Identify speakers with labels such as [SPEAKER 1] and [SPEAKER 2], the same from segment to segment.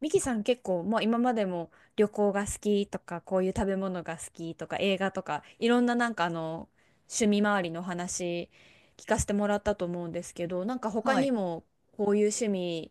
[SPEAKER 1] ミキさん結構もう今までも旅行が好きとかこういう食べ物が好きとか映画とかいろんななんかあの趣味周りの話聞かせてもらったと思うんですけどなんか他
[SPEAKER 2] は
[SPEAKER 1] に
[SPEAKER 2] い。
[SPEAKER 1] もこういう趣味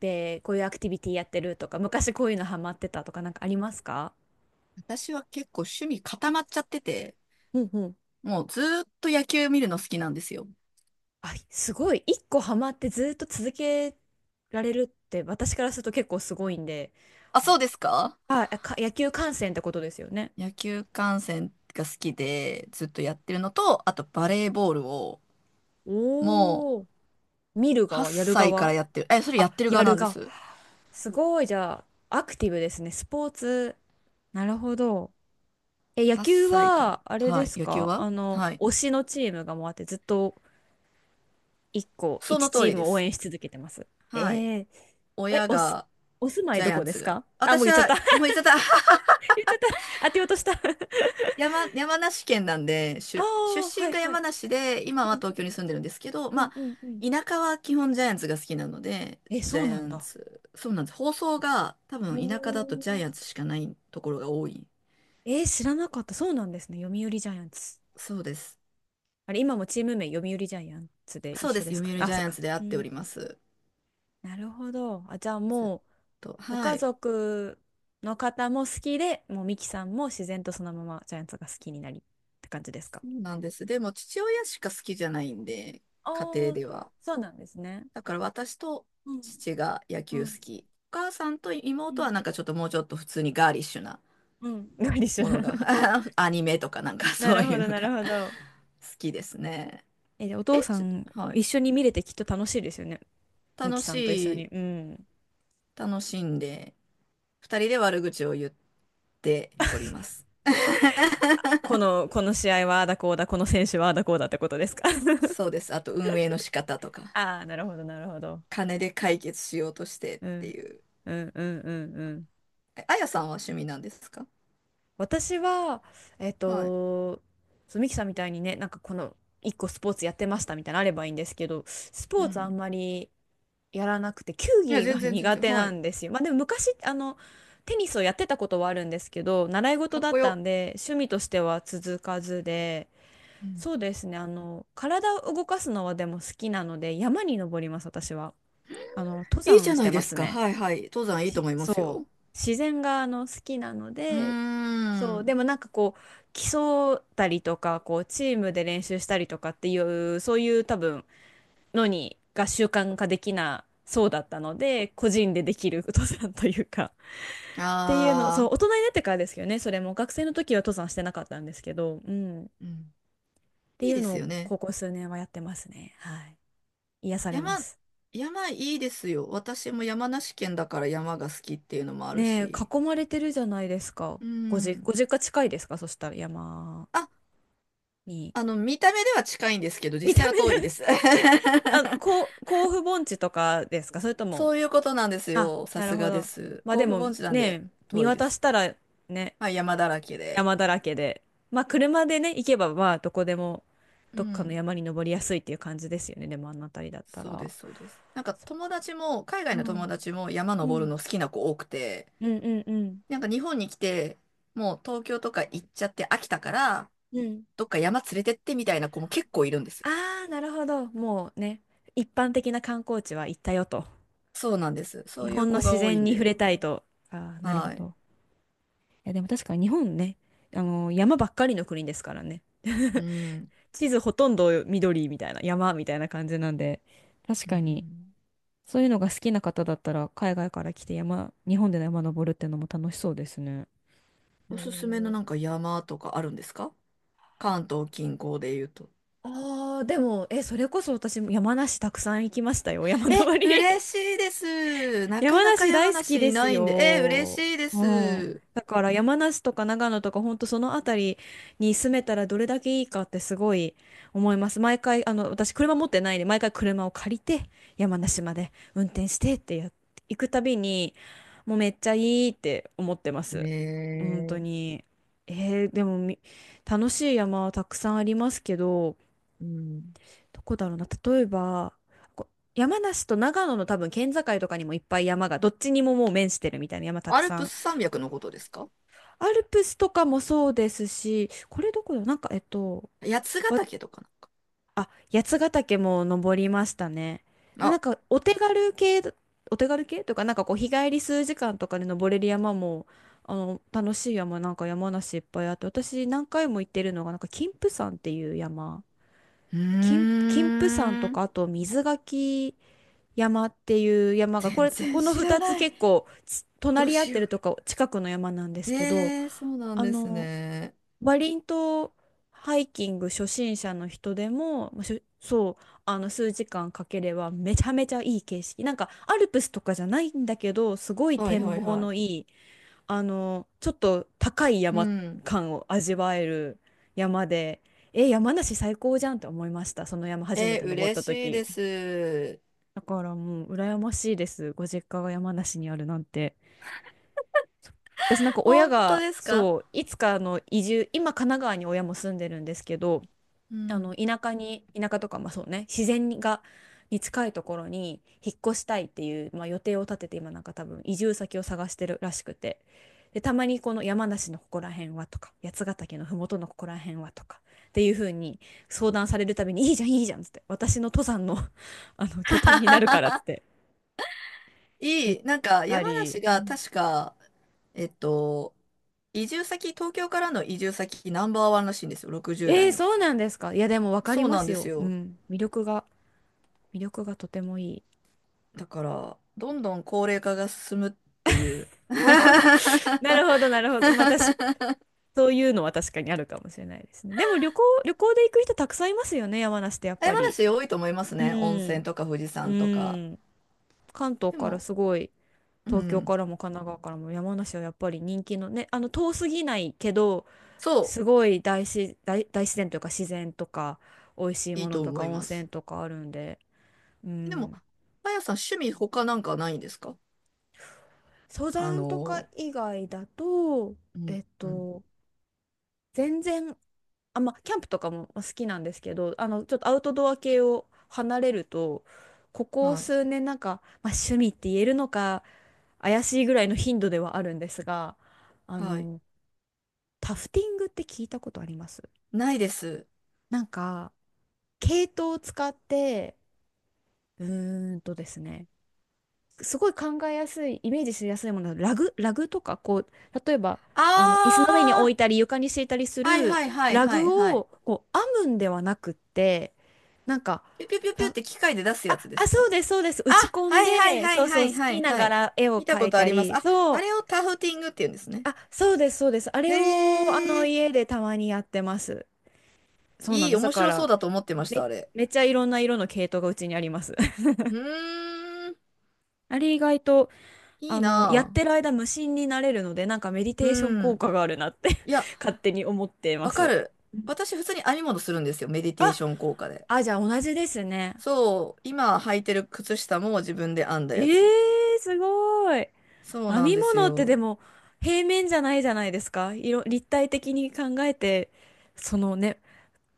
[SPEAKER 1] でこういうアクティビティやってるとか昔こういうのハマってたとかなんかありますか？
[SPEAKER 2] 私は結構趣味固まっちゃってて、
[SPEAKER 1] うんうん。
[SPEAKER 2] もうずーっと野球見るの好きなんですよ。
[SPEAKER 1] あ、すごい一個ハマってずっと続けられるって私からすると結構すごいんで、
[SPEAKER 2] あ、
[SPEAKER 1] あ、
[SPEAKER 2] そうですか？
[SPEAKER 1] 野球観戦ってことですよね？
[SPEAKER 2] 野球観戦が好きで、ずっとやってるのと、あとバレーボールを、もう
[SPEAKER 1] おー、見る
[SPEAKER 2] 8
[SPEAKER 1] 側やる
[SPEAKER 2] 歳から
[SPEAKER 1] 側？
[SPEAKER 2] やってる。え、それや
[SPEAKER 1] あ、
[SPEAKER 2] ってる
[SPEAKER 1] や
[SPEAKER 2] 側な
[SPEAKER 1] る
[SPEAKER 2] んで
[SPEAKER 1] が。
[SPEAKER 2] す。
[SPEAKER 1] すごい、じゃあ、アクティブですね。スポーツ。なるほど。え、野
[SPEAKER 2] 8
[SPEAKER 1] 球
[SPEAKER 2] 歳から。
[SPEAKER 1] は、あれ
[SPEAKER 2] は
[SPEAKER 1] で
[SPEAKER 2] い。
[SPEAKER 1] す
[SPEAKER 2] 野球
[SPEAKER 1] か？
[SPEAKER 2] は、
[SPEAKER 1] あの、
[SPEAKER 2] はい。
[SPEAKER 1] 推しのチームがもうあって、ずっと一個、
[SPEAKER 2] そ
[SPEAKER 1] 一
[SPEAKER 2] の通
[SPEAKER 1] チー
[SPEAKER 2] り
[SPEAKER 1] ム
[SPEAKER 2] で
[SPEAKER 1] を応
[SPEAKER 2] す。
[SPEAKER 1] 援し続けてます？え
[SPEAKER 2] はい。
[SPEAKER 1] ー、え、
[SPEAKER 2] 親
[SPEAKER 1] おす、
[SPEAKER 2] が、
[SPEAKER 1] お住まい
[SPEAKER 2] ジャ
[SPEAKER 1] ど
[SPEAKER 2] イア
[SPEAKER 1] こ
[SPEAKER 2] ン
[SPEAKER 1] で
[SPEAKER 2] ツ
[SPEAKER 1] す
[SPEAKER 2] が。
[SPEAKER 1] か？あ、もう
[SPEAKER 2] 私
[SPEAKER 1] 言っちゃっ
[SPEAKER 2] は、
[SPEAKER 1] た。
[SPEAKER 2] も ういちゃった。
[SPEAKER 1] 言っちゃった。当てようとした。あ
[SPEAKER 2] 山梨県なんで、
[SPEAKER 1] あ、
[SPEAKER 2] 出出
[SPEAKER 1] は
[SPEAKER 2] 身
[SPEAKER 1] い
[SPEAKER 2] が
[SPEAKER 1] は
[SPEAKER 2] 山
[SPEAKER 1] い。
[SPEAKER 2] 梨で、
[SPEAKER 1] う
[SPEAKER 2] 今は
[SPEAKER 1] ん
[SPEAKER 2] 東京に住んでるんですけど、
[SPEAKER 1] うん
[SPEAKER 2] まあ、
[SPEAKER 1] うんうん。
[SPEAKER 2] 田舎は基本ジャイアンツが好きなので、
[SPEAKER 1] え、
[SPEAKER 2] ジ
[SPEAKER 1] そう
[SPEAKER 2] ャイ
[SPEAKER 1] な
[SPEAKER 2] ア
[SPEAKER 1] ん
[SPEAKER 2] ン
[SPEAKER 1] だ。
[SPEAKER 2] ツ、そうなんです。放送が多
[SPEAKER 1] お
[SPEAKER 2] 分田舎だとジャイアン
[SPEAKER 1] ー、
[SPEAKER 2] ツしかないところが多い。
[SPEAKER 1] えー知らなかった。そうなんですね。読売ジャイアンツ。
[SPEAKER 2] そうです、
[SPEAKER 1] あれ、今もチーム名、読売ジャイアンツで一
[SPEAKER 2] そうで
[SPEAKER 1] 緒
[SPEAKER 2] す。
[SPEAKER 1] で
[SPEAKER 2] 読
[SPEAKER 1] すかね。
[SPEAKER 2] 売
[SPEAKER 1] あ、
[SPEAKER 2] ジャ
[SPEAKER 1] そ
[SPEAKER 2] イ
[SPEAKER 1] っ
[SPEAKER 2] アン
[SPEAKER 1] か。
[SPEAKER 2] ツで会っ
[SPEAKER 1] う
[SPEAKER 2] てお
[SPEAKER 1] ん。
[SPEAKER 2] ります。
[SPEAKER 1] なるほど。あ、じゃあ
[SPEAKER 2] ずっ
[SPEAKER 1] もう、
[SPEAKER 2] と。
[SPEAKER 1] ご
[SPEAKER 2] は
[SPEAKER 1] 家
[SPEAKER 2] い。
[SPEAKER 1] 族の方も好きで、もうミキさんも自然とそのままジャイアンツが好きになりって感じですか？
[SPEAKER 2] そうなんです。でも父親しか好きじゃないんで、
[SPEAKER 1] ああ
[SPEAKER 2] 家庭
[SPEAKER 1] ー、
[SPEAKER 2] では。
[SPEAKER 1] そうなんですね。
[SPEAKER 2] だから私と
[SPEAKER 1] うん、
[SPEAKER 2] 父が野
[SPEAKER 1] う
[SPEAKER 2] 球好
[SPEAKER 1] ん、
[SPEAKER 2] き。お母さんと
[SPEAKER 1] う
[SPEAKER 2] 妹は
[SPEAKER 1] ん、
[SPEAKER 2] なんかちょっともうちょっと普通にガーリッシュな。
[SPEAKER 1] うん。が一緒
[SPEAKER 2] も
[SPEAKER 1] だ。
[SPEAKER 2] のが、アニメとかなんか
[SPEAKER 1] な
[SPEAKER 2] そう
[SPEAKER 1] る
[SPEAKER 2] い
[SPEAKER 1] ほ
[SPEAKER 2] う
[SPEAKER 1] ど、
[SPEAKER 2] の
[SPEAKER 1] なる
[SPEAKER 2] が
[SPEAKER 1] ほど。
[SPEAKER 2] 好きですね。
[SPEAKER 1] え、でお父
[SPEAKER 2] え、
[SPEAKER 1] さ
[SPEAKER 2] ち
[SPEAKER 1] ん、
[SPEAKER 2] ょ、はい。
[SPEAKER 1] 一緒に見れてきっと楽しいですよね。ミ
[SPEAKER 2] 楽
[SPEAKER 1] キさ
[SPEAKER 2] し
[SPEAKER 1] んと一緒に。
[SPEAKER 2] い、
[SPEAKER 1] うん。
[SPEAKER 2] 楽しんで、二人で悪口を言っております。
[SPEAKER 1] この、この試合はああだこうだ、この選手はああだこうだってことですか？
[SPEAKER 2] そうです。あと運営の仕方とか、
[SPEAKER 1] ああ、なるほど、なるほど。
[SPEAKER 2] 金で解決しようとしてっ
[SPEAKER 1] う
[SPEAKER 2] て
[SPEAKER 1] ん、
[SPEAKER 2] いう。
[SPEAKER 1] うん、うん、うん、うん。
[SPEAKER 2] あやさんは趣味なんですか？
[SPEAKER 1] 私は、えっ
[SPEAKER 2] はい。
[SPEAKER 1] と、そう、ミキさんみたいにね、なんかこの、一個スポーツやってましたみたいなのあればいいんですけど、ス
[SPEAKER 2] う
[SPEAKER 1] ポーツあ
[SPEAKER 2] ん。
[SPEAKER 1] んまりやらなくて、球
[SPEAKER 2] いや、
[SPEAKER 1] 技
[SPEAKER 2] 全
[SPEAKER 1] が
[SPEAKER 2] 然全
[SPEAKER 1] 苦
[SPEAKER 2] 然。
[SPEAKER 1] 手
[SPEAKER 2] は
[SPEAKER 1] な
[SPEAKER 2] い。
[SPEAKER 1] んですよ。まあでも昔、あの、テニスをやってたことはあるんですけど、習い事
[SPEAKER 2] かっ
[SPEAKER 1] だ
[SPEAKER 2] こ
[SPEAKER 1] った
[SPEAKER 2] よ。
[SPEAKER 1] んで、趣味としては続かずで、
[SPEAKER 2] うん。
[SPEAKER 1] そうですね、あの、体を動かすのはでも好きなので、山に登ります、私は。あの、登
[SPEAKER 2] いいじゃ
[SPEAKER 1] 山し
[SPEAKER 2] ない
[SPEAKER 1] て
[SPEAKER 2] で
[SPEAKER 1] ま
[SPEAKER 2] す
[SPEAKER 1] す
[SPEAKER 2] か。
[SPEAKER 1] ね。
[SPEAKER 2] はいはい。登山いいと思います
[SPEAKER 1] そう、
[SPEAKER 2] よ。
[SPEAKER 1] 自然があの好きなの
[SPEAKER 2] うー
[SPEAKER 1] で、そう、
[SPEAKER 2] ん。
[SPEAKER 1] でもなんかこう、競ったりとか、こう、チームで練習したりとかっていう、そういう多分、が習慣化できなそうだったので、個人でできる登山というか、っていうの、そう、
[SPEAKER 2] あ
[SPEAKER 1] 大
[SPEAKER 2] あ、
[SPEAKER 1] 人になってからですけどね、それも、学生の時は登山してなかったんですけど、うん、っ
[SPEAKER 2] うん。
[SPEAKER 1] て
[SPEAKER 2] い
[SPEAKER 1] い
[SPEAKER 2] い
[SPEAKER 1] う
[SPEAKER 2] で
[SPEAKER 1] の
[SPEAKER 2] す
[SPEAKER 1] を、
[SPEAKER 2] よね。
[SPEAKER 1] ここ数年はやってますね。はい。癒されま
[SPEAKER 2] 山、
[SPEAKER 1] す。
[SPEAKER 2] 山いいですよ。私も山梨県だから山が好きっていうのもある
[SPEAKER 1] ねえ、
[SPEAKER 2] し。
[SPEAKER 1] 囲まれてるじゃないですか。
[SPEAKER 2] うん。
[SPEAKER 1] ご実家近いですか？そしたら山
[SPEAKER 2] あ、
[SPEAKER 1] に。
[SPEAKER 2] 見た目では近いんですけど、
[SPEAKER 1] 見
[SPEAKER 2] 実
[SPEAKER 1] た
[SPEAKER 2] 際は遠
[SPEAKER 1] 目
[SPEAKER 2] いで
[SPEAKER 1] で？
[SPEAKER 2] す。
[SPEAKER 1] あ、こう、甲府盆地とかですか？それとも、
[SPEAKER 2] そういうことなんです
[SPEAKER 1] あ、
[SPEAKER 2] よ。さ
[SPEAKER 1] なる
[SPEAKER 2] す
[SPEAKER 1] ほ
[SPEAKER 2] がで
[SPEAKER 1] ど。
[SPEAKER 2] す。
[SPEAKER 1] まあ
[SPEAKER 2] 甲
[SPEAKER 1] で
[SPEAKER 2] 府
[SPEAKER 1] も
[SPEAKER 2] 盆地なんで
[SPEAKER 1] ね、見
[SPEAKER 2] 遠いで
[SPEAKER 1] 渡し
[SPEAKER 2] す。
[SPEAKER 1] たらね、
[SPEAKER 2] まあ、山だらけで。
[SPEAKER 1] 山だらけで、まあ車でね、行けばまあどこでも、
[SPEAKER 2] う
[SPEAKER 1] どっかの
[SPEAKER 2] ん。
[SPEAKER 1] 山に登りやすいっていう感じですよね。でもあの辺りだった
[SPEAKER 2] そうで
[SPEAKER 1] ら。
[SPEAKER 2] す、そうです。なんか
[SPEAKER 1] そう
[SPEAKER 2] 友
[SPEAKER 1] か。
[SPEAKER 2] 達も、海外
[SPEAKER 1] う
[SPEAKER 2] の友
[SPEAKER 1] ん。
[SPEAKER 2] 達も山
[SPEAKER 1] う
[SPEAKER 2] 登る
[SPEAKER 1] ん。
[SPEAKER 2] の好きな子多くて、
[SPEAKER 1] うんうんうん。
[SPEAKER 2] なんか日本に来て、もう東京とか行っちゃって飽きたから、
[SPEAKER 1] うん。
[SPEAKER 2] どっか山連れてってみたいな子も結構いるんです。
[SPEAKER 1] ああ、なるほど。もうね、一般的な観光地は行ったよと。
[SPEAKER 2] そうなんです。そ
[SPEAKER 1] 日
[SPEAKER 2] ういう
[SPEAKER 1] 本の
[SPEAKER 2] 子
[SPEAKER 1] 自
[SPEAKER 2] が多い
[SPEAKER 1] 然
[SPEAKER 2] ん
[SPEAKER 1] に触
[SPEAKER 2] で。
[SPEAKER 1] れたいと。ああ、なるほ
[SPEAKER 2] はい。
[SPEAKER 1] ど。いや、でも確かに日本ね、あの、山ばっかりの国ですからね。
[SPEAKER 2] う ん。
[SPEAKER 1] 地図ほとんど緑みたいな、山みたいな感じなんで、確
[SPEAKER 2] う
[SPEAKER 1] かに、
[SPEAKER 2] ん。
[SPEAKER 1] そういうのが好きな方だったら、海外から来て山、日本で山登るってのも楽しそうですね。へ
[SPEAKER 2] おすすめの
[SPEAKER 1] ー、
[SPEAKER 2] なんか山とかあるんですか？関東近郊で言うと。
[SPEAKER 1] あー、でも、え、それこそ私も山梨たくさん行きましたよ、山
[SPEAKER 2] え、
[SPEAKER 1] 登
[SPEAKER 2] 嬉
[SPEAKER 1] り。
[SPEAKER 2] しいです。なか
[SPEAKER 1] 山
[SPEAKER 2] なか
[SPEAKER 1] 梨大
[SPEAKER 2] 山
[SPEAKER 1] 好き
[SPEAKER 2] 梨
[SPEAKER 1] で
[SPEAKER 2] い
[SPEAKER 1] す
[SPEAKER 2] ないんで。え、嬉
[SPEAKER 1] よ。
[SPEAKER 2] しいで
[SPEAKER 1] うん。
[SPEAKER 2] す。
[SPEAKER 1] だから山梨とか長野とか本当その辺りに住めたらどれだけいいかってすごい思います。毎回、あの、私車持ってないんで、毎回車を借りて山梨まで運転してってやっ、行くたびに、もうめっちゃいいって思ってま
[SPEAKER 2] へ
[SPEAKER 1] す。本
[SPEAKER 2] え
[SPEAKER 1] 当
[SPEAKER 2] ー。
[SPEAKER 1] に。えーでも楽しい山はたくさんありますけど、
[SPEAKER 2] うん。
[SPEAKER 1] どこだろうな、例えば、こう山梨と長野の多分県境とかにもいっぱい山が、どっちにももう面してるみたいな山た
[SPEAKER 2] ア
[SPEAKER 1] く
[SPEAKER 2] ル
[SPEAKER 1] さ
[SPEAKER 2] プス
[SPEAKER 1] ん。
[SPEAKER 2] 山脈のことですか？
[SPEAKER 1] アルプスとかもそうですし、これどこだ、なんか、えっと、
[SPEAKER 2] 八ヶ
[SPEAKER 1] わ
[SPEAKER 2] 岳とか
[SPEAKER 1] 八ヶ岳も登りましたね。で
[SPEAKER 2] な。
[SPEAKER 1] もなん
[SPEAKER 2] あ、
[SPEAKER 1] か、お手軽系とか、なんかこう、日帰り数時間とかで登れる山も、あの、楽しい山、なんか山梨いっぱいあって、私何回も行ってるのが、なんか、金峰山っていう山。
[SPEAKER 2] うー
[SPEAKER 1] 金峰山と
[SPEAKER 2] ん。
[SPEAKER 1] か、あと水垣、山っていう山が、こ
[SPEAKER 2] 全
[SPEAKER 1] れ、
[SPEAKER 2] 然
[SPEAKER 1] この
[SPEAKER 2] 知ら
[SPEAKER 1] 2つ
[SPEAKER 2] ない。
[SPEAKER 1] 結構つ
[SPEAKER 2] どう
[SPEAKER 1] 隣り合っ
[SPEAKER 2] し
[SPEAKER 1] て
[SPEAKER 2] よ
[SPEAKER 1] るとか近くの山なんで
[SPEAKER 2] う。
[SPEAKER 1] すけど、
[SPEAKER 2] そうなん
[SPEAKER 1] あ
[SPEAKER 2] です
[SPEAKER 1] の、
[SPEAKER 2] ね。
[SPEAKER 1] バリン島ハイキング初心者の人でも、まあしょそう、あの数時間かければめちゃめちゃいい景色。なんかアルプスとかじゃないんだけど、すごい
[SPEAKER 2] はい
[SPEAKER 1] 展
[SPEAKER 2] はい
[SPEAKER 1] 望
[SPEAKER 2] は
[SPEAKER 1] の
[SPEAKER 2] い。
[SPEAKER 1] いい、あの、ちょっと高い
[SPEAKER 2] う
[SPEAKER 1] 山
[SPEAKER 2] ん。
[SPEAKER 1] 感を味わえる山で、え、山梨最高じゃんって思いました。その山初
[SPEAKER 2] え
[SPEAKER 1] め
[SPEAKER 2] ー、
[SPEAKER 1] て登っ
[SPEAKER 2] 嬉
[SPEAKER 1] た
[SPEAKER 2] しい
[SPEAKER 1] 時。
[SPEAKER 2] です。
[SPEAKER 1] だからもう羨ましいです。ご実家が山梨にあるなんて。私なんか親
[SPEAKER 2] 本当
[SPEAKER 1] が
[SPEAKER 2] ですか？
[SPEAKER 1] そういつかあの移住、今神奈川に親も住んでるんですけど、
[SPEAKER 2] う
[SPEAKER 1] あの
[SPEAKER 2] ん。
[SPEAKER 1] 田舎に、田舎とかまあそうね、自然がに近いところに引っ越したいっていう、まあ、予定を立てて今なんか多分移住先を探してるらしくて、でたまにこの山梨のここら辺はとか八ヶ岳の麓のここら辺はとかっていう風に相談されるたびに、いいじゃんいいじゃんっつって、私の登山の、 あの拠点になるからっつって言っ
[SPEAKER 2] なんか
[SPEAKER 1] た
[SPEAKER 2] 山梨
[SPEAKER 1] り。う
[SPEAKER 2] が
[SPEAKER 1] ん。
[SPEAKER 2] 確か、えっと、移住先、東京からの移住先ナンバーワンらしいんですよ、60
[SPEAKER 1] えー、
[SPEAKER 2] 代の。
[SPEAKER 1] そうなんですか？いや、でも分かり
[SPEAKER 2] そう
[SPEAKER 1] ま
[SPEAKER 2] なん
[SPEAKER 1] す
[SPEAKER 2] です
[SPEAKER 1] よ。う
[SPEAKER 2] よ。
[SPEAKER 1] ん。魅力が、とてもいい。
[SPEAKER 2] だから、どんどん高齢化が進むっていう。
[SPEAKER 1] なるほど。なる ほど、なるほど。まあ、確かそういうのは確かにあるかもしれないですね。でも旅行で行く人たくさんいますよね、山梨ってやっぱ
[SPEAKER 2] 山
[SPEAKER 1] り。
[SPEAKER 2] 梨多いと思います
[SPEAKER 1] う
[SPEAKER 2] ね、温
[SPEAKER 1] ん。
[SPEAKER 2] 泉とか富士
[SPEAKER 1] う
[SPEAKER 2] 山とか。
[SPEAKER 1] ん。関東
[SPEAKER 2] で
[SPEAKER 1] から
[SPEAKER 2] も、
[SPEAKER 1] すごい、
[SPEAKER 2] う
[SPEAKER 1] 東京か
[SPEAKER 2] ん、
[SPEAKER 1] らも神奈川からも山梨はやっぱり人気のね、あの、遠すぎないけど、
[SPEAKER 2] そ
[SPEAKER 1] すごい大自然というか自然とか、美味しい
[SPEAKER 2] う、い
[SPEAKER 1] も
[SPEAKER 2] い
[SPEAKER 1] の
[SPEAKER 2] と
[SPEAKER 1] と
[SPEAKER 2] 思
[SPEAKER 1] か
[SPEAKER 2] い
[SPEAKER 1] 温
[SPEAKER 2] ま
[SPEAKER 1] 泉
[SPEAKER 2] す。
[SPEAKER 1] とかあるんで、う
[SPEAKER 2] でも、
[SPEAKER 1] ん。
[SPEAKER 2] あやさん、趣味他なんかないんですか？
[SPEAKER 1] 登
[SPEAKER 2] あ
[SPEAKER 1] 山とか
[SPEAKER 2] の、
[SPEAKER 1] 以外だと、
[SPEAKER 2] う
[SPEAKER 1] え
[SPEAKER 2] ん、
[SPEAKER 1] っ
[SPEAKER 2] うん、
[SPEAKER 1] と、全然、あ、まあ、キャンプとかも好きなんですけど、あの、ちょっとアウトドア系を離れると、ここ
[SPEAKER 2] はい。
[SPEAKER 1] 数年なんか、まあ、趣味って言えるのか、怪しいぐらいの頻度ではあるんですが、あ
[SPEAKER 2] はい。
[SPEAKER 1] の、タフティングって聞いたことあります？
[SPEAKER 2] ないです。
[SPEAKER 1] なんか、毛糸を使って、うーんとですね、すごい考えやすい、イメージしやすいものは、ラグとか、こう、例えば、あの、椅子の上に置
[SPEAKER 2] あー、
[SPEAKER 1] いたり、床に敷いたりす
[SPEAKER 2] はい
[SPEAKER 1] る
[SPEAKER 2] はいはい
[SPEAKER 1] ラ
[SPEAKER 2] はいは
[SPEAKER 1] グ
[SPEAKER 2] い。
[SPEAKER 1] を、こう、編むんではなくって、なんか、
[SPEAKER 2] ピュピュピュピュっ
[SPEAKER 1] た、
[SPEAKER 2] て機械で出すや
[SPEAKER 1] あ、
[SPEAKER 2] つで
[SPEAKER 1] あ、
[SPEAKER 2] す
[SPEAKER 1] そ
[SPEAKER 2] か？
[SPEAKER 1] うです、そうです。打
[SPEAKER 2] あ、
[SPEAKER 1] ち込ん
[SPEAKER 2] はいはい
[SPEAKER 1] で、
[SPEAKER 2] は
[SPEAKER 1] そ
[SPEAKER 2] い
[SPEAKER 1] う
[SPEAKER 2] は
[SPEAKER 1] そう、
[SPEAKER 2] い
[SPEAKER 1] 好
[SPEAKER 2] は
[SPEAKER 1] き
[SPEAKER 2] い
[SPEAKER 1] な
[SPEAKER 2] はい。
[SPEAKER 1] 柄絵を
[SPEAKER 2] 見た
[SPEAKER 1] 描
[SPEAKER 2] こ
[SPEAKER 1] い
[SPEAKER 2] とあ
[SPEAKER 1] た
[SPEAKER 2] ります。
[SPEAKER 1] り、
[SPEAKER 2] あ、
[SPEAKER 1] そ
[SPEAKER 2] あ
[SPEAKER 1] う、
[SPEAKER 2] れをタフティングって言うんですね。
[SPEAKER 1] あ、そうです、そうです。あれを、あ
[SPEAKER 2] へ
[SPEAKER 1] の、
[SPEAKER 2] え、
[SPEAKER 1] 家でたまにやってます。そうなんです。
[SPEAKER 2] 面
[SPEAKER 1] だか
[SPEAKER 2] 白そう
[SPEAKER 1] ら、
[SPEAKER 2] だと思ってました、
[SPEAKER 1] め、
[SPEAKER 2] あれ。
[SPEAKER 1] めっちゃいろんな色の系統がうちにあります。
[SPEAKER 2] うーん、
[SPEAKER 1] あれ意外と
[SPEAKER 2] い
[SPEAKER 1] あ
[SPEAKER 2] い
[SPEAKER 1] の、やっ
[SPEAKER 2] な
[SPEAKER 1] てる間無心になれるので、なんかメディ
[SPEAKER 2] ぁ。
[SPEAKER 1] テーション
[SPEAKER 2] う
[SPEAKER 1] 効
[SPEAKER 2] ん。
[SPEAKER 1] 果があるなって
[SPEAKER 2] いや、
[SPEAKER 1] 勝手に思っていま
[SPEAKER 2] わか
[SPEAKER 1] す。
[SPEAKER 2] る。私、普通に編み物するんですよ、メディテー
[SPEAKER 1] あ、
[SPEAKER 2] ション効果で。
[SPEAKER 1] じゃあ同じですね。
[SPEAKER 2] そう、今履いてる靴下も自分で編んだ
[SPEAKER 1] え
[SPEAKER 2] やつ。
[SPEAKER 1] ー、すごい。
[SPEAKER 2] そう
[SPEAKER 1] 編
[SPEAKER 2] なん
[SPEAKER 1] み
[SPEAKER 2] です
[SPEAKER 1] 物ってで
[SPEAKER 2] よ。
[SPEAKER 1] も平面じゃないじゃないですか。色、立体的に考えて、そのね、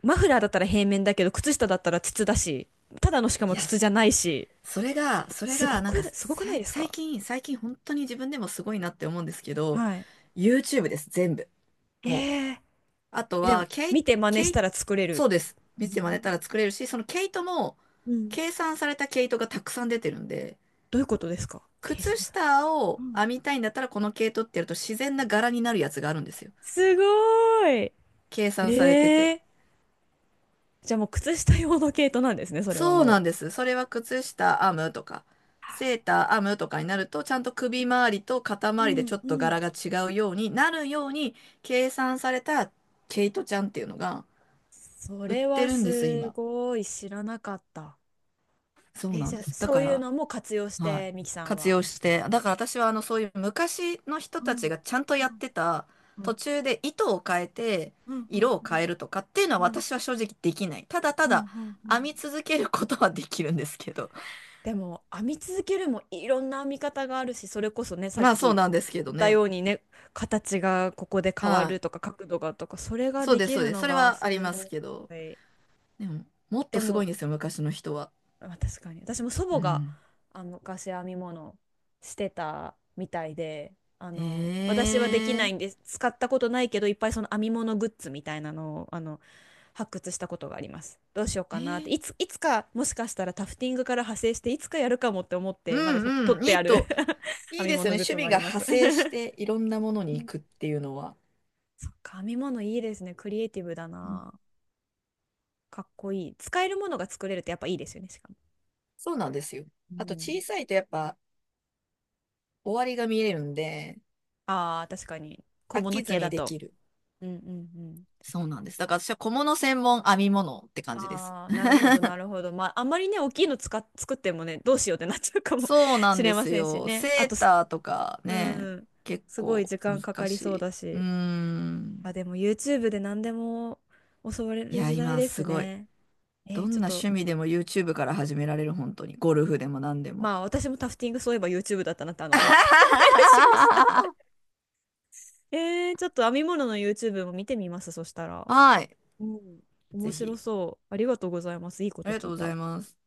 [SPEAKER 1] マフラーだったら平面だけど、靴下だったら筒だし、ただのしか
[SPEAKER 2] い
[SPEAKER 1] も
[SPEAKER 2] や、
[SPEAKER 1] 筒じゃないし、
[SPEAKER 2] それが、それが、なんか
[SPEAKER 1] すごくな
[SPEAKER 2] さ
[SPEAKER 1] い
[SPEAKER 2] い、
[SPEAKER 1] です
[SPEAKER 2] 最
[SPEAKER 1] か？
[SPEAKER 2] 近、最近本当に自分でもすごいなって思うんですけど、
[SPEAKER 1] はい。
[SPEAKER 2] YouTube です、全部。もう。
[SPEAKER 1] ええ
[SPEAKER 2] あと
[SPEAKER 1] ー、でも
[SPEAKER 2] は、ケイ、
[SPEAKER 1] 見て真似し
[SPEAKER 2] ケイ、
[SPEAKER 1] たら作れる。
[SPEAKER 2] そうです。見て真似たら作れるし、その毛糸も、
[SPEAKER 1] うん、
[SPEAKER 2] 計算された毛糸がたくさん出てるんで、
[SPEAKER 1] どういうことですか？計算
[SPEAKER 2] 靴
[SPEAKER 1] され。
[SPEAKER 2] 下を編みたいんだったら、この毛糸ってやると自然な柄になるやつがあるんですよ。
[SPEAKER 1] すごーい。
[SPEAKER 2] 計算されて
[SPEAKER 1] へ
[SPEAKER 2] て。
[SPEAKER 1] え。じゃあもう靴下用の毛糸なんですね、それは
[SPEAKER 2] そうなん
[SPEAKER 1] も
[SPEAKER 2] です。それは靴下編むとか、セーター編むとかになると、ちゃんと首周りと肩
[SPEAKER 1] う。う
[SPEAKER 2] 周りでちょ
[SPEAKER 1] ん
[SPEAKER 2] っ
[SPEAKER 1] う
[SPEAKER 2] と
[SPEAKER 1] ん。
[SPEAKER 2] 柄が違うようになるように計算された毛糸ちゃんっていうのが
[SPEAKER 1] そ
[SPEAKER 2] 売っ
[SPEAKER 1] れ
[SPEAKER 2] て
[SPEAKER 1] は
[SPEAKER 2] るんです、
[SPEAKER 1] す
[SPEAKER 2] 今。
[SPEAKER 1] ごい知らなかった。
[SPEAKER 2] そう
[SPEAKER 1] え、
[SPEAKER 2] なん
[SPEAKER 1] じゃあ
[SPEAKER 2] です。だ
[SPEAKER 1] そ
[SPEAKER 2] か
[SPEAKER 1] ういう
[SPEAKER 2] ら、
[SPEAKER 1] のも活用し
[SPEAKER 2] はい。
[SPEAKER 1] て、ミキさん
[SPEAKER 2] 活
[SPEAKER 1] は。
[SPEAKER 2] 用して、だから私はあのそういう昔の人
[SPEAKER 1] う
[SPEAKER 2] た
[SPEAKER 1] ん
[SPEAKER 2] ちがちゃんと
[SPEAKER 1] う
[SPEAKER 2] やっ
[SPEAKER 1] ん
[SPEAKER 2] てた
[SPEAKER 1] う
[SPEAKER 2] 途
[SPEAKER 1] ん
[SPEAKER 2] 中で糸を変えて
[SPEAKER 1] うんう
[SPEAKER 2] 色を変
[SPEAKER 1] ん
[SPEAKER 2] えるとかっていうのは
[SPEAKER 1] うん
[SPEAKER 2] 私は正直できない。ただた
[SPEAKER 1] うんう
[SPEAKER 2] だ
[SPEAKER 1] んう
[SPEAKER 2] 編
[SPEAKER 1] ん。
[SPEAKER 2] み続けることはできるんですけど。
[SPEAKER 1] でも編み続けるもいろんな編み方があるし、それこそねさっ
[SPEAKER 2] まあそ
[SPEAKER 1] き
[SPEAKER 2] う
[SPEAKER 1] 言
[SPEAKER 2] なんですけど
[SPEAKER 1] った
[SPEAKER 2] ね。
[SPEAKER 1] ようにね、形がここで変わ
[SPEAKER 2] は
[SPEAKER 1] る
[SPEAKER 2] い。
[SPEAKER 1] とか角度がとか、それが
[SPEAKER 2] そう
[SPEAKER 1] で
[SPEAKER 2] です、
[SPEAKER 1] き
[SPEAKER 2] そう
[SPEAKER 1] る
[SPEAKER 2] です。
[SPEAKER 1] の
[SPEAKER 2] それ
[SPEAKER 1] が
[SPEAKER 2] はあり
[SPEAKER 1] す
[SPEAKER 2] ます
[SPEAKER 1] ご
[SPEAKER 2] けど。
[SPEAKER 1] い。
[SPEAKER 2] でも、もっ
[SPEAKER 1] で
[SPEAKER 2] とすご
[SPEAKER 1] も
[SPEAKER 2] いんですよ、昔の人は。
[SPEAKER 1] まあ、確かに私も祖
[SPEAKER 2] う
[SPEAKER 1] 母が
[SPEAKER 2] ん。
[SPEAKER 1] あの昔編み物してたみたいで、あの
[SPEAKER 2] え
[SPEAKER 1] 私はでき
[SPEAKER 2] ー、
[SPEAKER 1] ないんです、使ったことないけどいっぱいその編み物グッズみたいなのをあの発掘したことがあります。どうしよう
[SPEAKER 2] え
[SPEAKER 1] かなって
[SPEAKER 2] ー、
[SPEAKER 1] いつかもしかしたらタフティングから派生していつかやるかもって思っ
[SPEAKER 2] う
[SPEAKER 1] てまだと取
[SPEAKER 2] んう
[SPEAKER 1] っ
[SPEAKER 2] ん。
[SPEAKER 1] てある 編
[SPEAKER 2] いい
[SPEAKER 1] み
[SPEAKER 2] ですよ
[SPEAKER 1] 物
[SPEAKER 2] ね。
[SPEAKER 1] グッ
[SPEAKER 2] 趣
[SPEAKER 1] ズも
[SPEAKER 2] 味
[SPEAKER 1] あり
[SPEAKER 2] が
[SPEAKER 1] ま
[SPEAKER 2] 派
[SPEAKER 1] す。
[SPEAKER 2] 生して、いろんなものに
[SPEAKER 1] う
[SPEAKER 2] 行
[SPEAKER 1] ん、
[SPEAKER 2] くっていうのは。
[SPEAKER 1] そっか編み物いいですね、クリエイティブだ
[SPEAKER 2] うん、
[SPEAKER 1] な、かっこいい、使えるものが作れるってやっぱいいですよね、しかも、
[SPEAKER 2] そうなんですよ。
[SPEAKER 1] う
[SPEAKER 2] あと、小
[SPEAKER 1] ん、
[SPEAKER 2] さいとやっぱ、終わりが見えるんで、
[SPEAKER 1] ああ、確かに。小
[SPEAKER 2] 飽
[SPEAKER 1] 物
[SPEAKER 2] きず
[SPEAKER 1] 系だ
[SPEAKER 2] にで
[SPEAKER 1] と。
[SPEAKER 2] きる。
[SPEAKER 1] うんうんうん、
[SPEAKER 2] そうなんです。だから私は小物専門、編み物って感じです。
[SPEAKER 1] ああ、なるほど、なるほど。まあ、あんまりね、大きいの使っ、作ってもね、どうしようってなっちゃうかも
[SPEAKER 2] そう な
[SPEAKER 1] し
[SPEAKER 2] んで
[SPEAKER 1] れま
[SPEAKER 2] す
[SPEAKER 1] せんし
[SPEAKER 2] よ。
[SPEAKER 1] ね。あ
[SPEAKER 2] セ
[SPEAKER 1] と
[SPEAKER 2] ー
[SPEAKER 1] す、
[SPEAKER 2] ターとか
[SPEAKER 1] う
[SPEAKER 2] ね、
[SPEAKER 1] ん、
[SPEAKER 2] 結
[SPEAKER 1] すごい
[SPEAKER 2] 構
[SPEAKER 1] 時間か
[SPEAKER 2] 難
[SPEAKER 1] かり
[SPEAKER 2] し
[SPEAKER 1] そう
[SPEAKER 2] い。
[SPEAKER 1] だ
[SPEAKER 2] うー
[SPEAKER 1] し。
[SPEAKER 2] ん。
[SPEAKER 1] あ、でも YouTube で何でも教われ
[SPEAKER 2] い
[SPEAKER 1] る
[SPEAKER 2] や、
[SPEAKER 1] 時代
[SPEAKER 2] 今
[SPEAKER 1] で
[SPEAKER 2] す
[SPEAKER 1] す
[SPEAKER 2] ごい。
[SPEAKER 1] ね。え
[SPEAKER 2] ど
[SPEAKER 1] ー、ち
[SPEAKER 2] ん
[SPEAKER 1] ょっ
[SPEAKER 2] な
[SPEAKER 1] と、
[SPEAKER 2] 趣味でも YouTube から始められる、本当に。ゴルフでも何でも。
[SPEAKER 1] まあ、私もタフティングそういえば YouTube だったなって、あの、今 思い出しました。えー、ちょっと編み物の YouTube も見てみます、そしたら。
[SPEAKER 2] はい。
[SPEAKER 1] うん、面
[SPEAKER 2] ぜ
[SPEAKER 1] 白
[SPEAKER 2] ひ。
[SPEAKER 1] そう。ありがとうございます。いいこ
[SPEAKER 2] あ
[SPEAKER 1] と
[SPEAKER 2] りがと
[SPEAKER 1] 聞
[SPEAKER 2] う
[SPEAKER 1] い
[SPEAKER 2] ござ
[SPEAKER 1] た。
[SPEAKER 2] います。